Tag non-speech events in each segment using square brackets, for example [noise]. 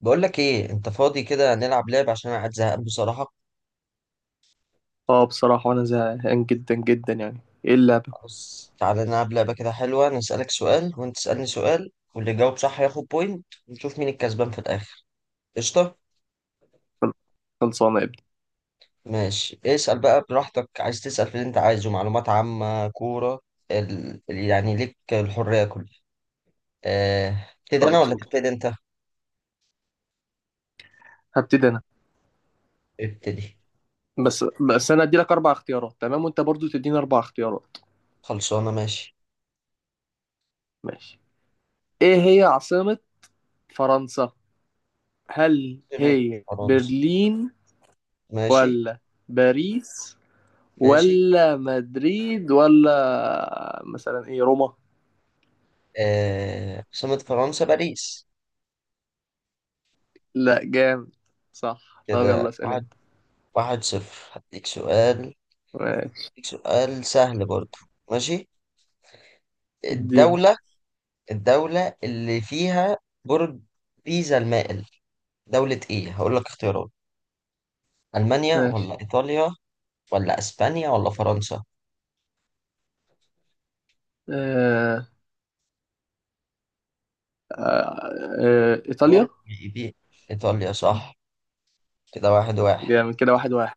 بقول لك ايه، انت فاضي كده؟ نلعب لعبة عشان انا قاعد زهقان بصراحة. اه بصراحة أنا زهقان جدا جدا يعني. إيه اللعبة؟ خلاص، تعالى نلعب لعبة كده حلوة. انا اسالك سؤال وانت تسالني سؤال، واللي يجاوب صح ياخد بوينت، ونشوف مين الكسبان في الاخر. قشطة. خلصانة يا ابني. ماشي، اسال بقى براحتك، عايز تسال في اللي انت عايزه، معلومات عامة، كورة، يعني ليك الحرية كلها. ابتدي انا خلاص ولا أوكي، تبتدي انت؟ هبتدي أنا. ابتدي. بس بس أنا أدي لك أربع اختيارات، تمام؟ وأنت برضو تديني أربع اختيارات. خلصانة. ماشي. ماشي. إيه هي عاصمة فرنسا؟ هل عاصمة هي فرنسا. برلين ماشي. ولا باريس ماشي. ولا مدريد ولا مثلا إيه روما؟ عاصمة فرنسا باريس. لا جامد صح. طب يلا كده اسأل واحد، أنت. واحد صفر، هديك سؤال. ماشي هديك سؤال سهل برضو. ماشي. الدين. الدولة الدولة اللي فيها برج بيزا المائل، دولة ايه؟ هقول لك اختيارات: ألمانيا ماشي. ولا إيطاليا ولا أسبانيا ولا فرنسا؟ آه آه آه إيطاليا. برج بي إيطاليا صح. كده واحد واحد. جامد كده، 1-1.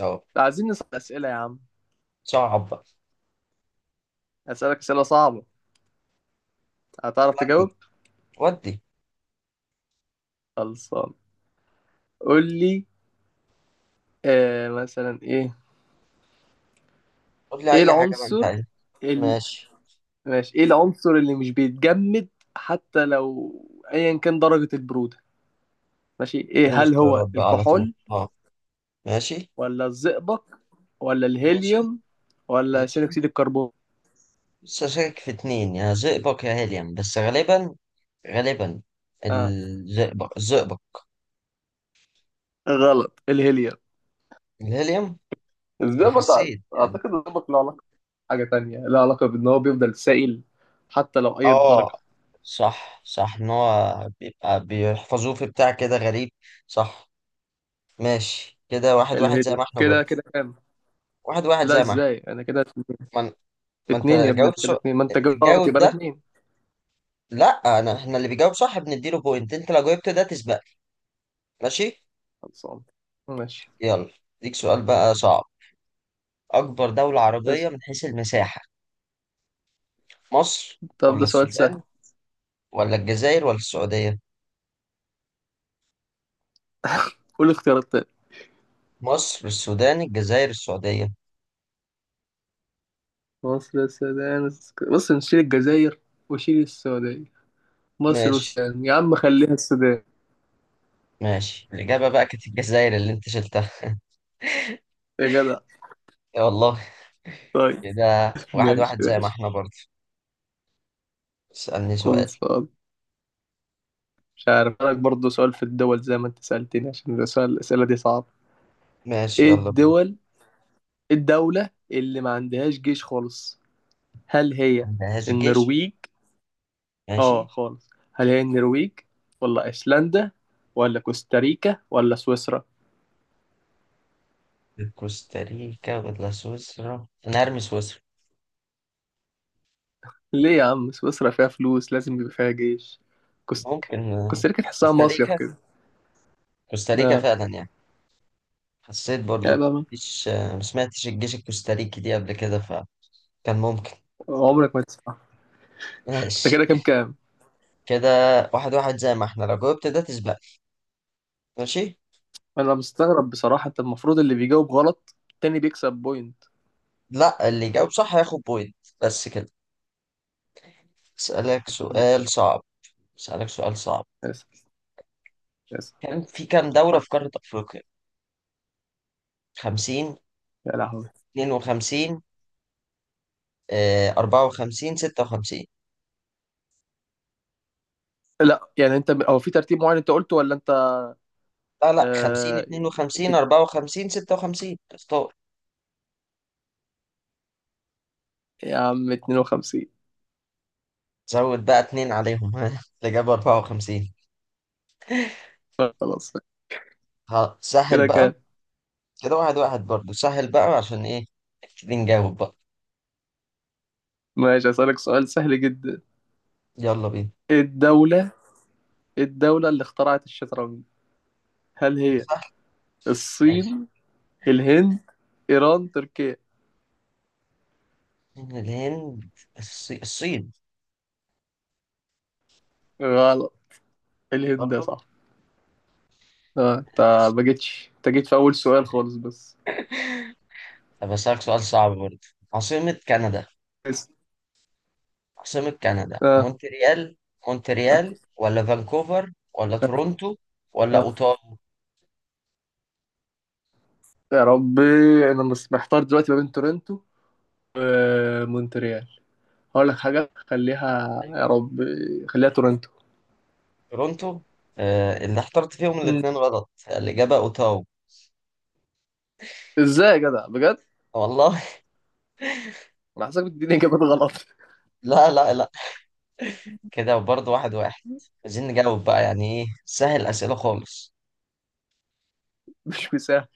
أهو. عايزين نسأل أسئلة يا عم. صعب بقى. أسألك أسئلة صعبة، هتعرف ودي تجاوب؟ ودي خلصان، قول لي. آه مثلا إيه. قول لي إيه أي حاجة بقى أنت العنصر عايزها. ال... ماشي. ماشي. إيه العنصر اللي مش بيتجمد حتى لو أيا كان درجة البرودة؟ ماشي إيه، اديني هل هو اختيارات بقى على طول، الكحول اه. ماشي. ولا الزئبق ولا ماشي. الهيليوم ولا ثاني ماشي. أكسيد الكربون؟ لسه شاكك في اتنين، يا زئبق يا هيليوم، بس غالبا، غالبا آه الزئبق، الزئبق، غلط الهيليوم. الهيليوم. انا الزئبق، أعتقد حسيت يعني. أعتقد الزئبق له علاقة، حاجة تانية له علاقة بإن هو بيفضل سائل حتى لو أي درجة. اه. صح، صح، ان هو بيبقى بيحفظوه في بتاع كده غريب. صح. ماشي، كده واحد واحد زي ما الهيلي احنا كده برضه. كده كام؟ واحد واحد لا زي ما احنا. ازاي انا كده ما, ان- ما انت اتنين يا ابني، أنا جاوبت كده سو... اتنين، ما انت جبت غلط جاوب يبقى لك ده. 2. لا انا، احنا اللي بيجاوب صح بنديله بوينت، انت لو جاوبت ده تسبق. ماشي. خلصان ماشي. يلا. ليك سؤال بقى صعب: اكبر دولة عربية بس. من حيث المساحة، مصر طب ولا ده سؤال سهل. السودان ولا الجزائر ولا السعودية؟ قول اختيارات تاني. مصر، السودان، الجزائر، السعودية. مصر، السودان، بص نشيل الجزائر وشيل السعودية. مصر ماشي. والسودان يا عم، خليها السودان. ماشي، الإجابة بقى كانت الجزائر اللي أنت شلتها. يا جدع. يا والله. طيب. كده واحد ماشي واحد زي ما ماشي احنا برضه. اسألني سؤال. خلصان. مش عارف لك برضه سؤال في الدول زي ما انت سألتني عشان ده سؤال، الأسئلة دي صعبة. ماشي. ايه يلا بينا. الدول؟ إيه الدولة اللي ما عندهاش جيش خالص؟ هل هي عندهاش جيش. النرويج؟ اه ماشي. خالص، هل هي النرويج ولا ايسلندا ولا كوستاريكا ولا سويسرا؟ كوستاريكا ولا سويسرا، أنا هرمي سويسرا. ليه يا عم، سويسرا فيها فلوس لازم يبقى فيها جيش. كوستاريكا. ممكن. كوستاريكا تحسها مصيف كوستاريكا كده. كوستاريكا لا فعلا يعني، حسيت يعني برضه. بقى. مفيش. ما سمعتش الجيش الكوستاريكي دي قبل كده، فكان ممكن. عمرك ما تسمع. انت ماشي، كده كام كام؟ كده واحد واحد زي ما احنا، لو جاوبت ده تسبق. ماشي. انا مستغرب بصراحة، انت المفروض اللي بيجاوب غلط التاني بيكسب بوينت. لا، اللي يجاوب صح هياخد بوينت بس كده. اسألك ماشي سؤال ماشي. صعب. اسألك سؤال صعب: اسف اسف. كان في كام دولة في قارة أفريقيا؟ 50، يا لهوي. 52، 54، 56. لا يعني انت هو في ترتيب معين انت قلته ولا انت؟ لا لا، 50، آه... 52، 54، 56، اختار. يا عم 52. زود بقى اتنين عليهم [laughs] ها، الإجابة 54. خلاص. ها، سهل كده بقى. كام؟ كده واحد واحد برضه، سهل بقى عشان إيه. نبتدي نجاوب بقى. ماشي. هسألك سؤال سهل جدا. يلا بينا. الدولة، الدولة اللي اخترعت الشطرنج، هل هي سهل. ماشي. الصين، الهند، إيران، تركيا؟ من الهند، الصين. غلط، الهند برضه. صح. اه انت، ما جيتش، انت جيت في أول سؤال خالص بس. طب أسألك سؤال صعب برضه: عاصمة كندا. اسم. عاصمة كندا اه مونتريال، مونتريال ولا فانكوفر ولا تورونتو ولا أوتاوا؟ يا ربي، انا محتار دلوقتي ما بين تورنتو ومونتريال. هقول لك حاجة خليها، يا أيوه. ربي، خليها تورنتو. تورونتو. آه، اللي اخترت فيهم مم. الاتنين غلط، الإجابة أوتاوا. ازاي يا جدع بجد؟ والله [laughs] انا حاسسك بتديني اجابات غلط [laughs] لا لا لا، كده برضه واحد واحد. عايزين نجاوب بقى يعني، إيه سهل، أسئلة خالص. مش مساعد.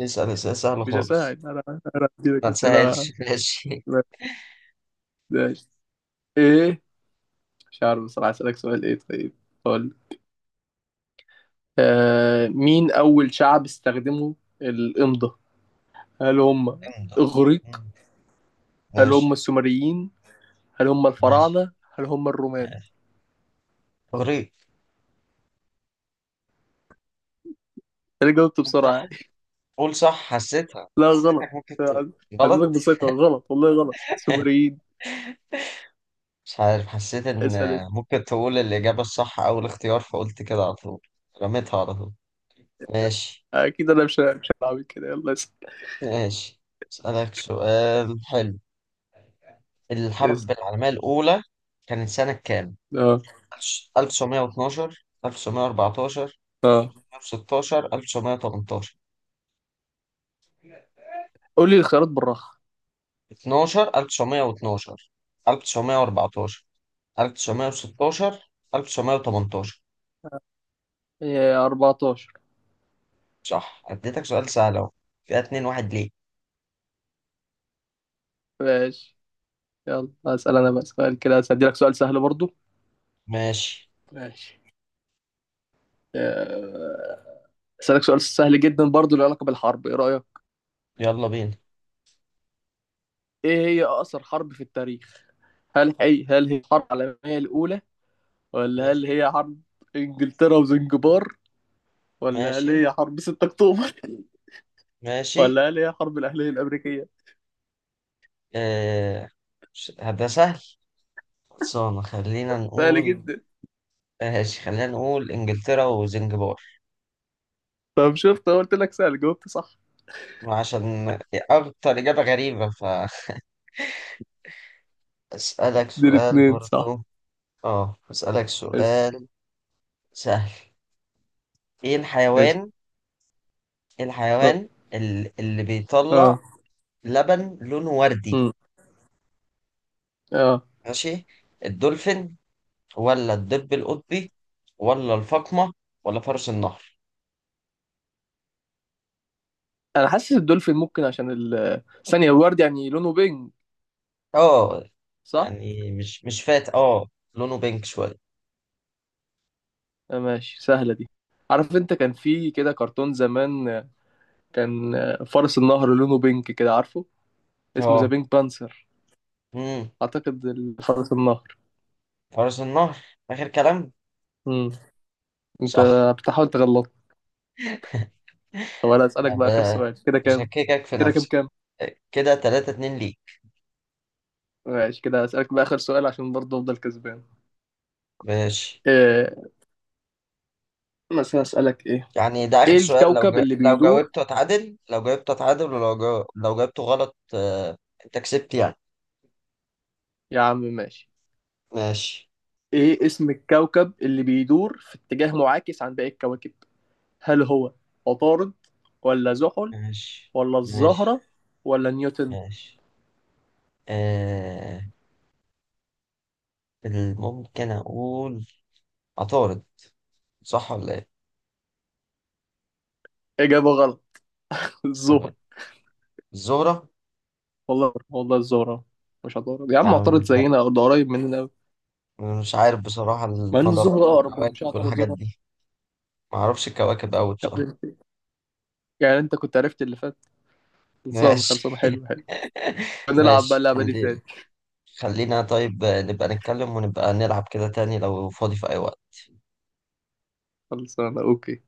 اسأل أسئلة سهلة مش خالص. هساعد انا، انا هديلك ما اسئله. تسهلش [laughs] ماشي. ما- ماشي. ايه، مش عارف بصراحة أسألك سؤال إيه طيب، قول. آه مين أول شعب استخدموا الإمضة؟ هل هم امضى. الإغريق؟ مم. هل هم ماشي. السومريين؟ هل هم ماشي. الفراعنة؟ هل هم الرومان؟ ماشي. إغريق. أنا جاوبت بسرعة يعني صح، قول صح، حسيتها، [laughs] لا حسيتك غلط، ممكن تقول. عدتك غلط. بثقة غلط، والله غلط السومريين. مش عارف، حسيت ان اسأل أنت. ممكن تقول الإجابة الصح أو الاختيار، فقلت كده على طول، رميتها على طول. ماشي. أكيد أنا مش هلعب كده. يلا اسأل. ماشي. أسألك سؤال حلو: الحرب اسأل. العالمية الأولى كانت سنة كام؟ أه 1912، 1914، أه. 1916، 1918. قول لي الخيارات بالراحة. 12، 1912، 1914، 1916، 1918. إيه، 14. صح، اديتك سؤال سهل اهو، فيها اتنين واحد ليه. ماشي. يلا أسأل أنا بقى سؤال، كده هسألك سؤال سهل برضو. ماشي. ماشي. آه، اسالك سؤال سهل جدا برضو له علاقه بالحرب، ايه رايك؟ يلا بينا. ايه هي اقصر حرب في التاريخ؟ هل هي الحرب العالميه الاولى ولا هل ماشي. هي حرب انجلترا وزنجبار ولا هل ماشي. هي حرب 6 اكتوبر [laughs] ماشي. ولا هل هي حرب الاهليه الامريكيه؟ آه... ده سهل. خلصانة، خلينا سهل نقول. جدا. ماشي، خلينا نقول انجلترا وزنجبار. طب شفت، أنا قلت لك سهل، جاوبت صح. عشان اكتر اجابة غريبة. فاسألك [laughs] دي سؤال الاتنين صح. برضو. اه، اسألك اسف سؤال سهل. ايه اسف. الحيوان، إيه اه الحيوان اللي بيطلع اه. لبن لونه وردي؟ مم. اه ماشي. الدولفين ولا الدب القطبي ولا الفقمة ولا فرس النهر؟ انا حاسس الدولفين ممكن عشان ال ثانيه الورد يعني لونه بينج، اه. صح. يعني مش فات اه، لونه بينك شوية. ماشي سهله دي. عارف انت كان في كده كرتون زمان، كان فرس النهر لونه بينك كده، عارفه اسمه ذا اه. بينك بانسر. امم اعتقد فرس النهر. فرس النهر، آخر كلام. امم. انت صح. بتحاول تغلط. طب انا اسالك يعني بقى اخر سؤال، كده كام؟ بشككك في كده كام نفسك. كام؟ كده تلاتة اتنين ليك. ماشي. كده اسالك بقى اخر سؤال عشان برضه افضل كسبان. ماشي. إيه، مثلا اسالك ايه؟ يعني ده آخر ايه سؤال، الكوكب اللي لو بيدور، جاوبته اتعادل، لو جاوبته اتعادل، لو جاوبته غلط، انت كسبت يعني. يا عم ماشي. ماشي. ايه اسم الكوكب اللي بيدور في اتجاه معاكس عن باقي الكواكب؟ هل هو عطارد ولا زحل ماشي. ولا ماشي. الزهرة ولا نيوتن؟ ماشي. آه... ممكن أقول عطارد، صح ولا ايه؟ إجابة غلط [laughs] طب، الزهرة. الزهرة. والله والله الزهرة. مش هتعترض يا عم، اعترض يعني زينا او ده قريب مننا قوي. مش عارف بصراحة، مع ان الزهرة المجرات اقرب، برضه مش والكواكب هعترض والحاجات زهرة. دي، ما اعرفش الكواكب قوي مش بصراحة. عارف. يعني انت كنت عرفت اللي فات. [laughs] خلصان خلصان، ماشي. حلو حلو. هنلعب بقى ماشي. اللعبة دي تاني. خلينا طيب نبقى نتكلم ونبقى نلعب كده تاني لو فاضي في اي وقت. خلصانة اوكي.